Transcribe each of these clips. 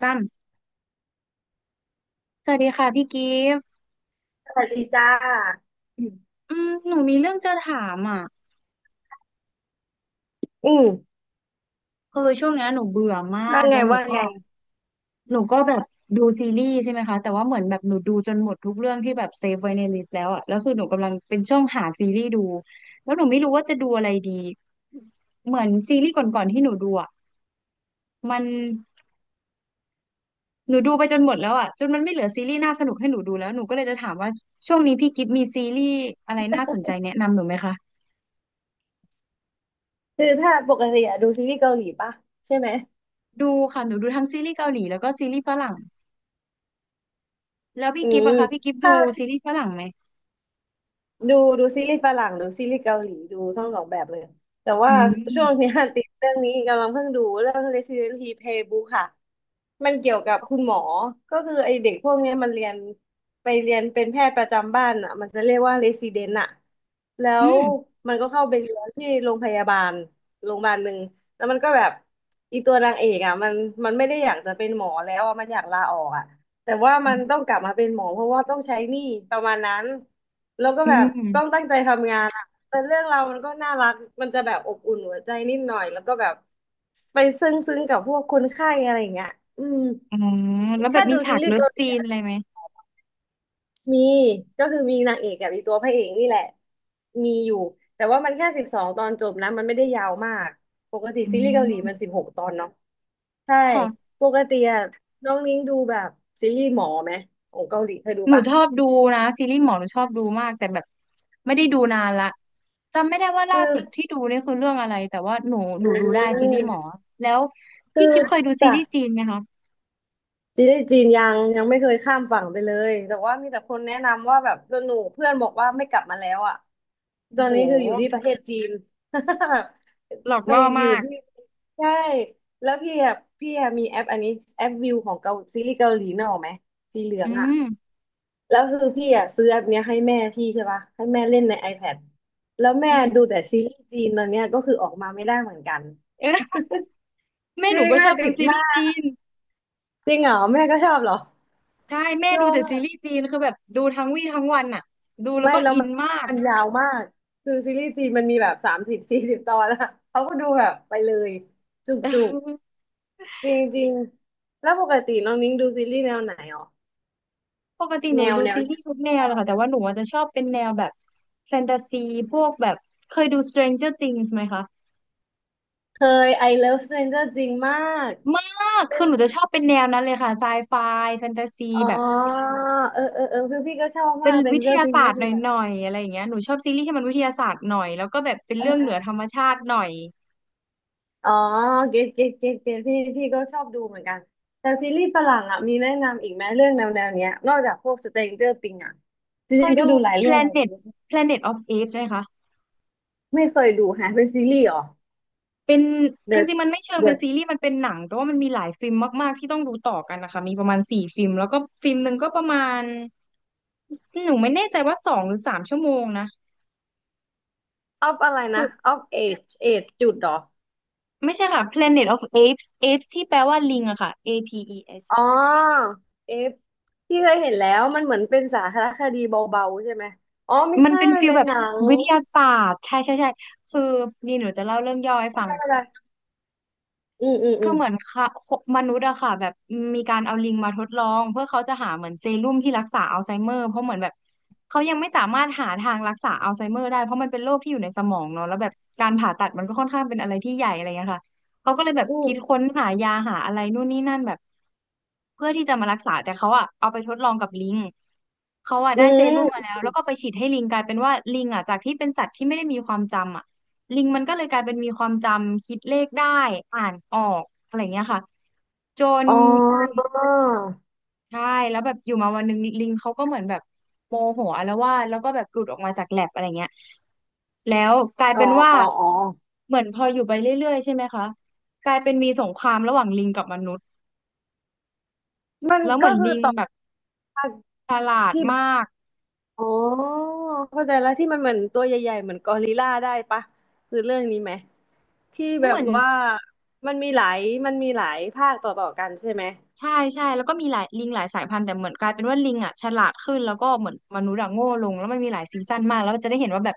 ซ้ำสวัสดีค่ะพี่กิฟต์สวัสดีจ้าอืมหนูมีเรื่องจะถามอ่ะอืมคือช่วงเนี้ยหนูเบื่อมาว่ากไงแล้วหนูว่าก็ไง หนูก็แบบดูซีรีส์ใช่ไหมคะแต่ว่าเหมือนแบบหนูดูจนหมดทุกเรื่องที่แบบเซฟไว้ในลิสต์แล้วอ่ะแล้วคือหนูกำลังเป็นช่วงหาซีรีส์ดูแล้วหนูไม่รู้ว่าจะดูอะไรดีเหมือนซีรีส์ก่อนๆที่หนูดูอ่ะมันหนูดูไปจนหมดแล้วอ่ะจนมันไม่เหลือซีรีส์น่าสนุกให้หนูดูแล้วหนูก็เลยจะถามว่าช่วงนี้พี่กิฟต์มีซีรีส์อะไรน่าสนใจแนะนำหนูไหมคะคือถ้าปกติอะดูซีรีส์เกาหลีป่ะใช่ไหม ดูค่ะหนูดูทั้งซีรีส์เกาหลีแล้วก็ซีรีส์ฝรั่ง แล้วพี่อืกิฟต์มอะคะพี่กิฟต์ดูถ้า ซีรีส์ฝรั่งไหมดูซีรีส์ฝรั่งดูซีรีส์เกาหลีดูทั้งสองแบบเลยแต่อืว่าช่วงมเนี้ย ติดเรื่องนี้กำลังเพิ่งดูเรื่อง Resident Evil Playbook ค่ะมันเกี่ยวกับคุณหมอก็คือไอเด็กพวกเนี้ยมันเรียนไปเรียนเป็นแพทย์ประจำบ้านอ่ะมันจะเรียกว่า Resident อ่ะแล้อืวมมันก็เข้าไปเรียนที่โรงพยาบาลโรงพยาบาลหนึ่งแล้วมันก็แบบอีตัวนางเอกอ่ะมันไม่ได้อยากจะเป็นหมอแล้วอะมันอยากลาออกอ่ะแต่ว่ามันต้องกลับมาเป็นหมอเพราะว่าต้องใช้หนี้ประมาณนั้น แล้วก็อืแบบต้องมตั้งใจทำงานอะแต่เรื่องเราวมันก็น่ารักมันจะแบบอบอุ่นหัวใจนิดหน่อยแล้วก็แบบไปซึ้งซึ้งกับพวกคนไข้อะไรอย่างเงี้ยอืมอ๋อแล้วแบถ้าบมีดูฉาซีกรีเลิส์ฟเกาหลีซีนอะอะไรไหมมีก็คือมีนางเอกกับมีตัวพระเอกนี่แหละมีอยู่แต่ว่ามันแค่12 ตอนจบนะมันไม่ได้ยาวมากปกติอืซีรีส์เกาหลีมันม16 ตอนเนาะใช่ค่ะปกติอะน้องนิ้งดูแบบซีรีส์หมอไหมของเกาหลีเคยดูหนูปะชอบดูนะซีรีส์หมอหนูชอบดูมากแต่แบบไม่ได้ดูนานละจำไม่ได้ว่าคล่าสุดือที่ดูนี่คือเรื่องอะไรแต่ว่าหนูหอืนูดูได้ซีรีส์หมอมแล้วคืพี่อกิฟเคยดูซีจ้ะ รีส์จีนไหมคะจีนได้จีนยังไม่เคยข้ามฝั่งไปเลย แต่ว่ามีแต่คนแนะนำว่าแบบสนุกเพื่อนบอกว่าไม่กลับมาแล้วอ่ะตโอ้อนโหนี้คืออยู่ที่ประเทศจีน แบบหลอกไปล่ออยู่มากที่ใช่ แล้วพี่อะมีแอปอันนี้แอปวิวของเกาซีรีส์เกาหลีนะออกไหมสีเหลืออืงอ่ะ มแล้วคือพี่อะซื้อแอปเนี้ยให้แม่พี่ใช่ปะให้แม่เล่นใน iPad แล้วแม่อืดูแต่มซีรีส์จีนตอนเนี้ยก็คือออกมาไม่ได้เหมือนกันเออแม่จหนูริงก็ชแม่อบดูติดซีรีมาส์กจีน จริงเหรอแม่ก็ชอบเหรอใช่แม่งดูงแต่ซีอะ รีส์จีนคือแบบดูทั้งวี่ทั้งวันอ่ะดูแล้วไม่ก็แล้วอิมันนมาก มันยาวมากคือซีรีส์จีนมันมีแบบ30-40 ตอนอะเขาก็ดูแบบไปเลยจุก เจุกออจริงจริงๆแล้วปกติน้องนิ้งดูซีรีส์แนวไหนอ๋อปกติหแนนูวดูแนวซีแนรีส์ทุวกแนวเลยค่ะแต่ว่าหนูอาจจะชอบเป็นแนวแบบแฟนตาซีพวกแบบเคยดู Stranger Things ไหมคะเคย I Love Stranger จริงมากมากคือหนูจะชอบเป็นแนวนั้นเลยค่ะไซไฟแฟนตาซีอ๋อแบบเออคือพี่ก็ชอบเป็มานก วิท Stranger ยา Things ศาสก็ตร์หคือแบบน่อยๆอะไรอย่างเงี้ยหนูชอบซีรีส์ที่มันวิทยาศาสตร์หน่อยแล้วก็แบบเป็นเออเรื่องเอเหนือธรอรมชาติหน่อยอ๋อเกตพี่ก็ชอบดูเหมือนกันแต่ซีรีส์ฝรั่งอ่ะมีแนะนำอีกไหมเรื่องแนวเนี้ยนอกจากพวก Stranger Things อ่ะจเคริยงๆก็ดู ดูหลายเรื่องเลย Planet Planet of Apes ไหมคะ ไม่เคยดูฮะเป็นซีรีส์เหรอ เป็นจ The ริงๆ มันไม่เชิงเป็น The ซีรีส์มันเป็นหนังแต่ว่ามันมีหลายฟิล์มมากๆที่ต้องดูต่อกันนะคะ มีประมาณสี่ฟิล์มแล้วก็ฟิล์มหนึ่งก็ประมาณหนูไม่แน่ใจว่าสองหรือสามชั่วโมงนะออฟอะไรคือนะออฟเอจจุดเหรอไม่ใช่ค่ะ Planet of Apes Apes ที่แปลว่าลิงอะค่ะ APES อ๋อเอฟพี่เคยเห็นแล้วมันเหมือนเป็นสารคดีเบาๆใช่ไหมอ๋อไม่มันใช่เป็นมันฟิลเป็นแบบหนังวิทยาศาสตร์ใช่ใช่ใช่คือนี่หนูจะเล่าเรื่องย่อให้ฟัอะง ไรอะไรอืมอืมอืก็มเหมือนค่ะมนุษย์อะค่ะแบบมีการเอาลิงมาทดลองเพื่อเขาจะหาเหมือนเซรุ่มที่รักษาอัลไซเมอร์เพราะเหมือนแบบเขายังไม่สามารถหาทางรักษาอัลไซเมอร์ได้เพราะมันเป็นโรคที่อยู่ในสมองเนาะแล้วแบบการผ่าตัดมันก็ค่อนข้างเป็นอะไรที่ใหญ่อะไรเงี้ยค่ะเขาก็เลยแบบอืคิมดค้นหายาหาอะไรนู่นนี่นั่นแบบเพื่อที่จะมารักษาแต่เขาอะเอาไปทดลองกับลิงเขาอะอืได้เซรุ่มมามแล้วแล้วก็ไปฉีดให้ลิงกลายเป็นว่าลิงอะจากที่เป็นสัตว์ที่ไม่ได้มีความจำอะ ลิงมันก็เลยกลายเป็นมีความจำคิดเลขได้อ่านออกอะไรเงี้ยค่ะจนอ๋ออยู่ใช่แล้วแบบอยู่มาวันหนึ่งลิงเขาก็เหมือนแบบโมโหอาละวาดแล้วก็แบบหลุดออกมาจากแลบอะไรเงี้ยแล้วกลายอ๋อเป็นว่าอ๋อเหมือนพออยู่ไปเรื่อยๆใช่ไหมคะกลายเป็นมีสงครามระหว่างลิงกับมนุษย์มันแล้วเหมืก็อนคือลิงต่อแบบจากฉลาดที่ มากอ๋อเข้าใจแล้วที่มันเหมือนตัวใหญ่ๆเหมือนกอริลลาได้ปะคือเรื่องนี้ไหมที่แบเหมืบอน ว่ามันมีหลายมันมีหลายภาคต่อๆกันใช่ไหมใช่ใช่แล้วก็มีหลายลิงหลายสายพันธุ์แต่เหมือนกลายเป็นว่าลิงอ่ะฉลาดขึ้นแล้วก็เหมือนมนุษย์อะโง่ลงแล้วมันมีหลายซีซั่นมากแล้วจะได้เห็นว่าแบบ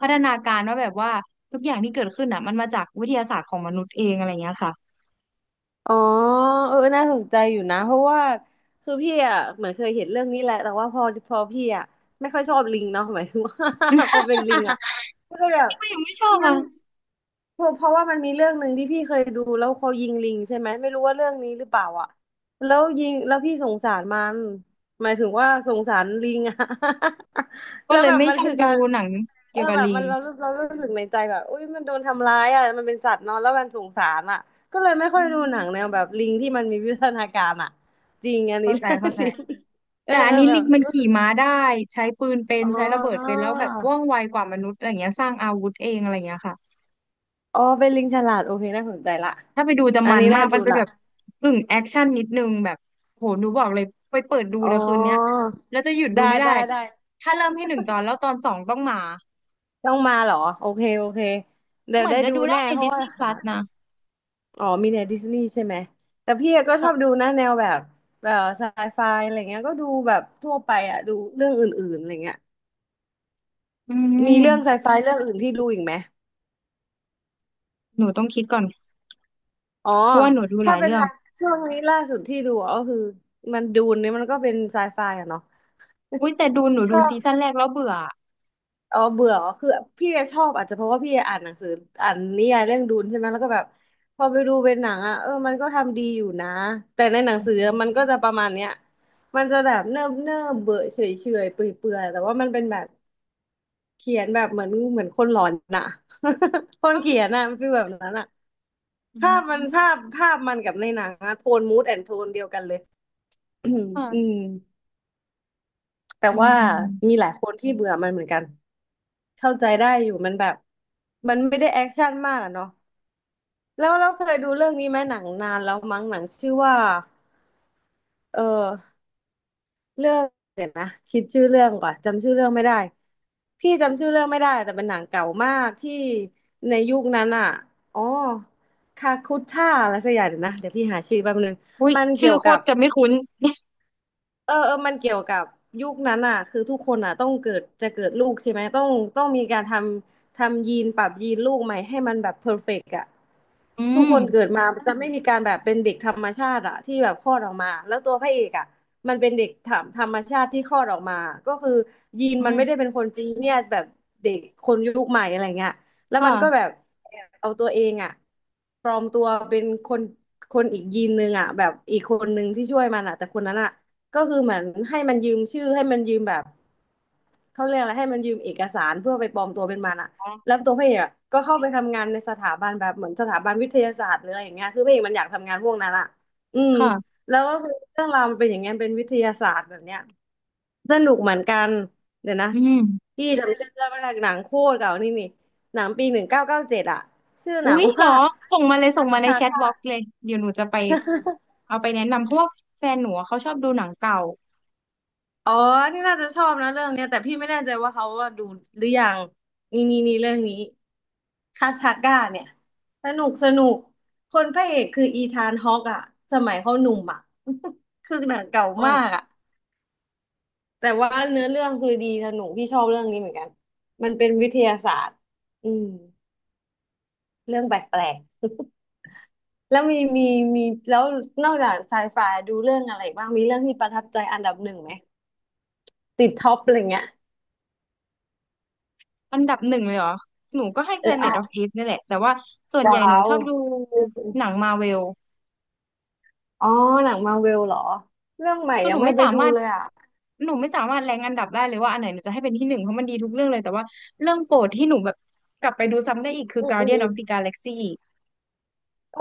พัฒนาการว่าแบบว่าทุกอย่างที่เกิดขึ้นอ่ะมันมาจากวิทยาศาสตร์ของมนุษย์เองอะไรอย่างเงี้ยค่ะ อ๋อเออน่าสนใจอยู่นะเพราะว่าคือพี่อ่ะเหมือนเคยเห็นเรื่องนี้แหละแต่ว่าพอพี่อ่ะไม่ค่อยชอบลิงเนาะ หมายถึงว่า พอเป็นลิงอ่ะก็แบบ ก็ยังไม่ชอบมัอ่ะน เพราะว่ามันมีเรื่องหนึ่งที่พี่เคยดูแล้วเขายิงลิงใช่ไหมไม่รู้ว่าเรื่องนี้หรือเปล่าอ่ะแล้วยิงแล้วพี่สงสารมันหมายถึงว่าสงสารลิงอะ ก็แล้วเลยแบบไม่มันชอบคือดูการหนังเอเกี่อยวกับแบบลิมังนเรารู้สึกในใจแบบอุ้ยมันโดนทำร้ายอ่ะมันเป็นสัตว์เนอะแล้วมันสงสารอ่ะก็เลยไม่ค่อือยดูหมนังแนวแบบลิงที่มันมีวิวัฒนาการอ่ะจริงอันนี้ เข้าใจเข้าใจ จริงเออแต่อัเอนอนี้แบลิบงมันรู้ขี่สึกม้าได้ใช้ปืนเป็นอ๋ใช้ระเบิดเป็อนแล้วแบบว่องไวกว่ามนุษย์อะไรอย่างเงี้ยสร้างอาวุธเองอะไรอย่างเงี้ยค่ะ อ๋อเป็นลิงฉลาดโอเคน่าสนใจละถ้าไปดูจะอันมันนี้มาน่ากดูมันเป็นละแบบกึ่งแอคชั่นนิดนึงแบบโหหนูบอกเลยไปเปิดดูอ๋อ เลยคืนเนี้ยแล้วจะหยุดดูได้ไม่ได้ได้ได้ถ้าเริ่มให้หนึ่งตอนแล้วตอนสองต้องมาต้องมาเหรอโอเคโอเคเดี๋ยเหวมือนได้จะดูดูได้แน่ใน เพราะว่า Disney หา Plus นะอ๋อมีในดิสนีย์ใช่ไหมแต่พี่ก็ชอบดูค่ะนะแนวแบบแบบไซไฟอะไรเงี้ยก็ดูแบบทั่วไปอ่ะดูเรื่องอื่นๆอะไรเงี้ยอืมีเรื่องไซมไฟเรื่องอื่นที่ดูอีกไหมหนูต้องคิดก่อนอ๋อเพราะว่าหนูดูหถ้าลายเป็นเรื่อไซงช่วงนี้ล่าสุดที่ดูก็คือมันดูนนี่มันก็เป็นไซไฟอะเนาะ อุ้ยแต่ดูหนูดูซีซั่นแรกแล้วเบื่ออ๋อเบื่อเหรอคือพี่ชอบอาจจะเพราะว่าพี่อ่านหนังสืออ่านนิยายเรื่องดูนใช่ไหมแล้วก็แบบพอไปดูเป็นหนังอ่ะเออมันก็ทำดีอยู่นะแต่ในหนังสือมันก็จะประมาณเนี้ยมันจะแบบเนิบเนิบเบื่อเฉยเฉยเปื่อยเปื่อยแต่ว่ามันเป็นแบบเขียนแบบเหมือนคนหลอนน่ะ คนเขียนน่ะมันฟีลแบบนั้นอ่ะอืภาพมันภามพภาพมันกับในหนังอะโทนมูดแอนโทนเดียวกันเลย อืมค่ะแต่อืมว่าอืมอืมมีหลายคนที่เบื่อมันเหมือนกัน เข้าใจได้อยู่มันแบบมันไม่ได้แอคชั่นมากอะเนาะแล้วเราเคยดูเรื่องนี้ไหมหนังนานแล้วมั้งหนังชื่อว่าเออเรื่องเดี๋ยวนะคิดชื่อเรื่องก่อนจำชื่อเรื่องไม่ได้พี่จำชื่อเรื่องไม่ได้แต่เป็นหนังเก่ามากที่ในยุคนั้นอ่ะอ๋อคาคุท่าอะไรสักอย่างเดี๋ยวนะเดี๋ยวพี่หาชื่อแป๊บนึงอุ้ยมันชื่เกี่อยวโคกัตบ รจะไม่คุ้นเออเออมันเกี่ยวกับยุคนั้นอ่ะคือทุกคนอ่ะต้องเกิดจะเกิดลูกใช่ไหมต้องมีการทำยีนปรับยีนลูกใหม่ให้มันแบบเพอร์เฟกต์อ่ะอืทุกมคนเกิดมาจะไม่มีการแบบเป็นเด็กธรรมชาติอ่ะที่แบบคลอดออกมาแล้วตัวพระเอกอ่ะมันเป็นเด็กธรรมชาติที่คลอดออกมาก็คือยีนอืมันไม่ได้มเป็นคนจีเนียสแบบเด็กคนยุคใหม่อะไรเงี้ยแล้วมันก็แบค่ะบแอบเอาตัวเองอ่ะปลอมตัวเป็นคนอีกยีนนึงอ่ะแบบอีกคนนึงที่ช่วยมันอ่ะแต่คนนั้นอ่ะ ก็คือเหมือนให้มันยืมชื่อให้มันยืมแบบเขาเรียกอะไรให้มันยืมเอกสารเพื่อไปปลอมตัวเป็นมันอะแล้วตัวพระเอกอะก็เข้าไปทำงานในสถาบันแบบเหมือนสถาบันวิทยาศาสตร์หรืออะไรอย่างเงี้ยคือพระเอกมันอยากทำงานพวกนั้นอะอืมค่ะแล้วก็คือเรื่องราวมันเป็นอย่างเงี้ยเป็นวิทยาศาสตร์แบบเนี้ยสนุกเหมือนกันเดี๋ยวนะอืม พี่จำชื่อเรื่องไม่ได้หนังโคตรเก่านี่นี่หนังปี1997อะชื่อหอุ๊นังยเหรอว่า ส่งมาเลยส่งมาในแชทบ็อกซ์เลยเดี๋ยวหนูจะไปเอาไปแนะนำเพราะว่าแฟนหนูอะเขาชอบดูหนังเก่าอ๋อ นี่น่าจะชอบนะเรื่องเนี้ยแต่พี่ไม่แน่ใจว่าเขาว่าดูหรือยังนี่นี่นี่เรื่องนี้คาทาก้าเนี่ยสนุกสนุกคนพระเอกคืออีธานฮอกอะสมัยเขาหนุ่มอะ คือหนังเก่าโอ้มากอะแต่ว่าเนื้อเรื่องคือดีสนุกพี่ชอบเรื่องนี้เหมือนกันมันเป็นวิทยาศาสตร์อืมเรื่องแปลกๆ แล้วมีแล้วนอกจากไซไฟดูเรื่องอะไรอีกบ้างมีเรื่องที่ประทับใจอันดับหนึ่งไหมติดท็อปอะไรเงี้ยอันดับหนึ่งเลยเหรอหนูก็ให้ เออเอา Planet of Apes นี่แหละแต่ว่าส่วนใหว้าญ่หนูวชอบดูอืหนัมงมาเวลอ๋อหนังมาเวลเหรอเรื่องใหม่คือยัหนูงไม่ไม่ไปสาดูมารถเลยอ่ะหนูไม่สามารถแรงอันดับได้เลยว่าอันไหนหนูจะให้เป็นที่หนึ่งเพราะมันดีทุกเรื่องเลยแต่ว่าเรื่องโปรดที่หนูแบบกลับไปดูซ้ำได้อีกคือ อืมอืม Guardian อื of the ม Galaxy เออ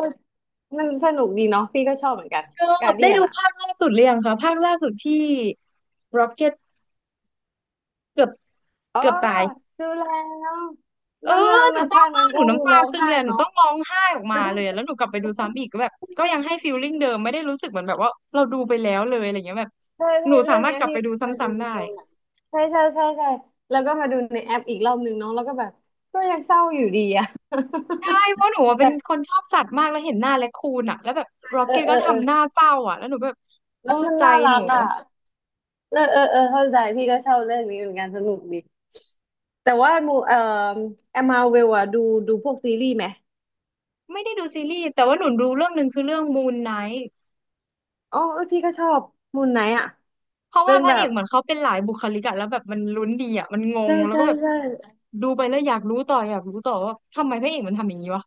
มันสนุกดีเนาะพี่ก็ชอบเหมือนกันชอกาบรเดีได้ยนดูอ่ะภาคล่าสุดหรือยังคะภาคล่าสุดที่ Rocket เกือบอ๋อเกือบตาย ดูแล้วเอแล้อวเรื่องหนูนั้นเศร้าภาคมานั้นกหก็นูคือน้ำตาร้องซึมไห้เลยอะหนูเนาะ ต้องร้องไห้ออกมาเลยอะแล้วหนูกลับไปดูซ้ำอีกก็แบบก็ยังให้ ฟีลลิ่งเดิมไม่ได้รู้สึกเหมือนแบบว่าเราดูไปแล้วเลยอะไรเงี้ยแบบใช่หใช่นูสาเรื่องมารถเนี้ยกลับพี่ไปดูซไปดู้ำๆในได้โรงหนังใช่ใช่ใช่ใช่แล้วก็มาดูในแอปอีกรอบหนึ่งเนาะแล้วก็แบบก็ยังเศร้าอยู่ดีอะ ใช่เพราะหนูอะ เป็แต่นคนชอบสัตว์มากแล้วเห็นหน้าแร็คคูนอะแล้วแบบร็อกเออเก็ตเอก็อเออทำหน้าเศร้าอะแล้วหนูก็แบบโอ้แล้วมันใจน่ารัหนูกอ่ะ เออเออเออเข้าใจพี่ก็ชอบเรื่องนี้เหมือนกันสนุกดีแต่ว่ามูเอ่อแอมมาเวลอะดูพวกซีรีส์ไหมไม่ได้ดูซีรีส์แต่ว่าหนูดูเรื่องหนึ่งคือเรื่องมูนไนท์อ๋อเออพี่ก็ชอบมูนไนท์อะเพราะเป็ว่านพแบระเอบกเหมือนเขาเป็นหลายบุคลิกอะแล้วแบบมันลุ้นดีอะมันงใช่งแล้วใช่ก็แบบใช่ดูไปแล้วอยากรู้ต่ออยากรู้ต่อว่าทำไมพระเอกมันทำอย่างนี้วะ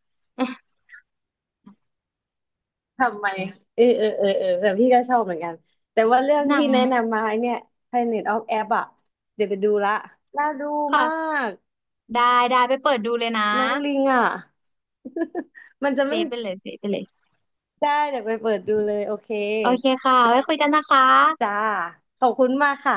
ทำไมเออเออเออเออแต่พี่ก็ชอบเหมือนกันแต่ว่าเรื่องหนัที่งแนะนำมาไอ้เนี่ย Planet of Apes อะเดี๋ยวไปดูละน่าดูมาค่ะกได้ได้ไปเปิดดูเลยนะน้องลิงอะ มันจะเซไม่ฟไปเลยเซฟไปเลยได้เดี๋ยวไปเปิดดูเลยโอเคโอเคค่ะได้ไว้คุยกันนะคะจ้าขอบคุณมากค่ะ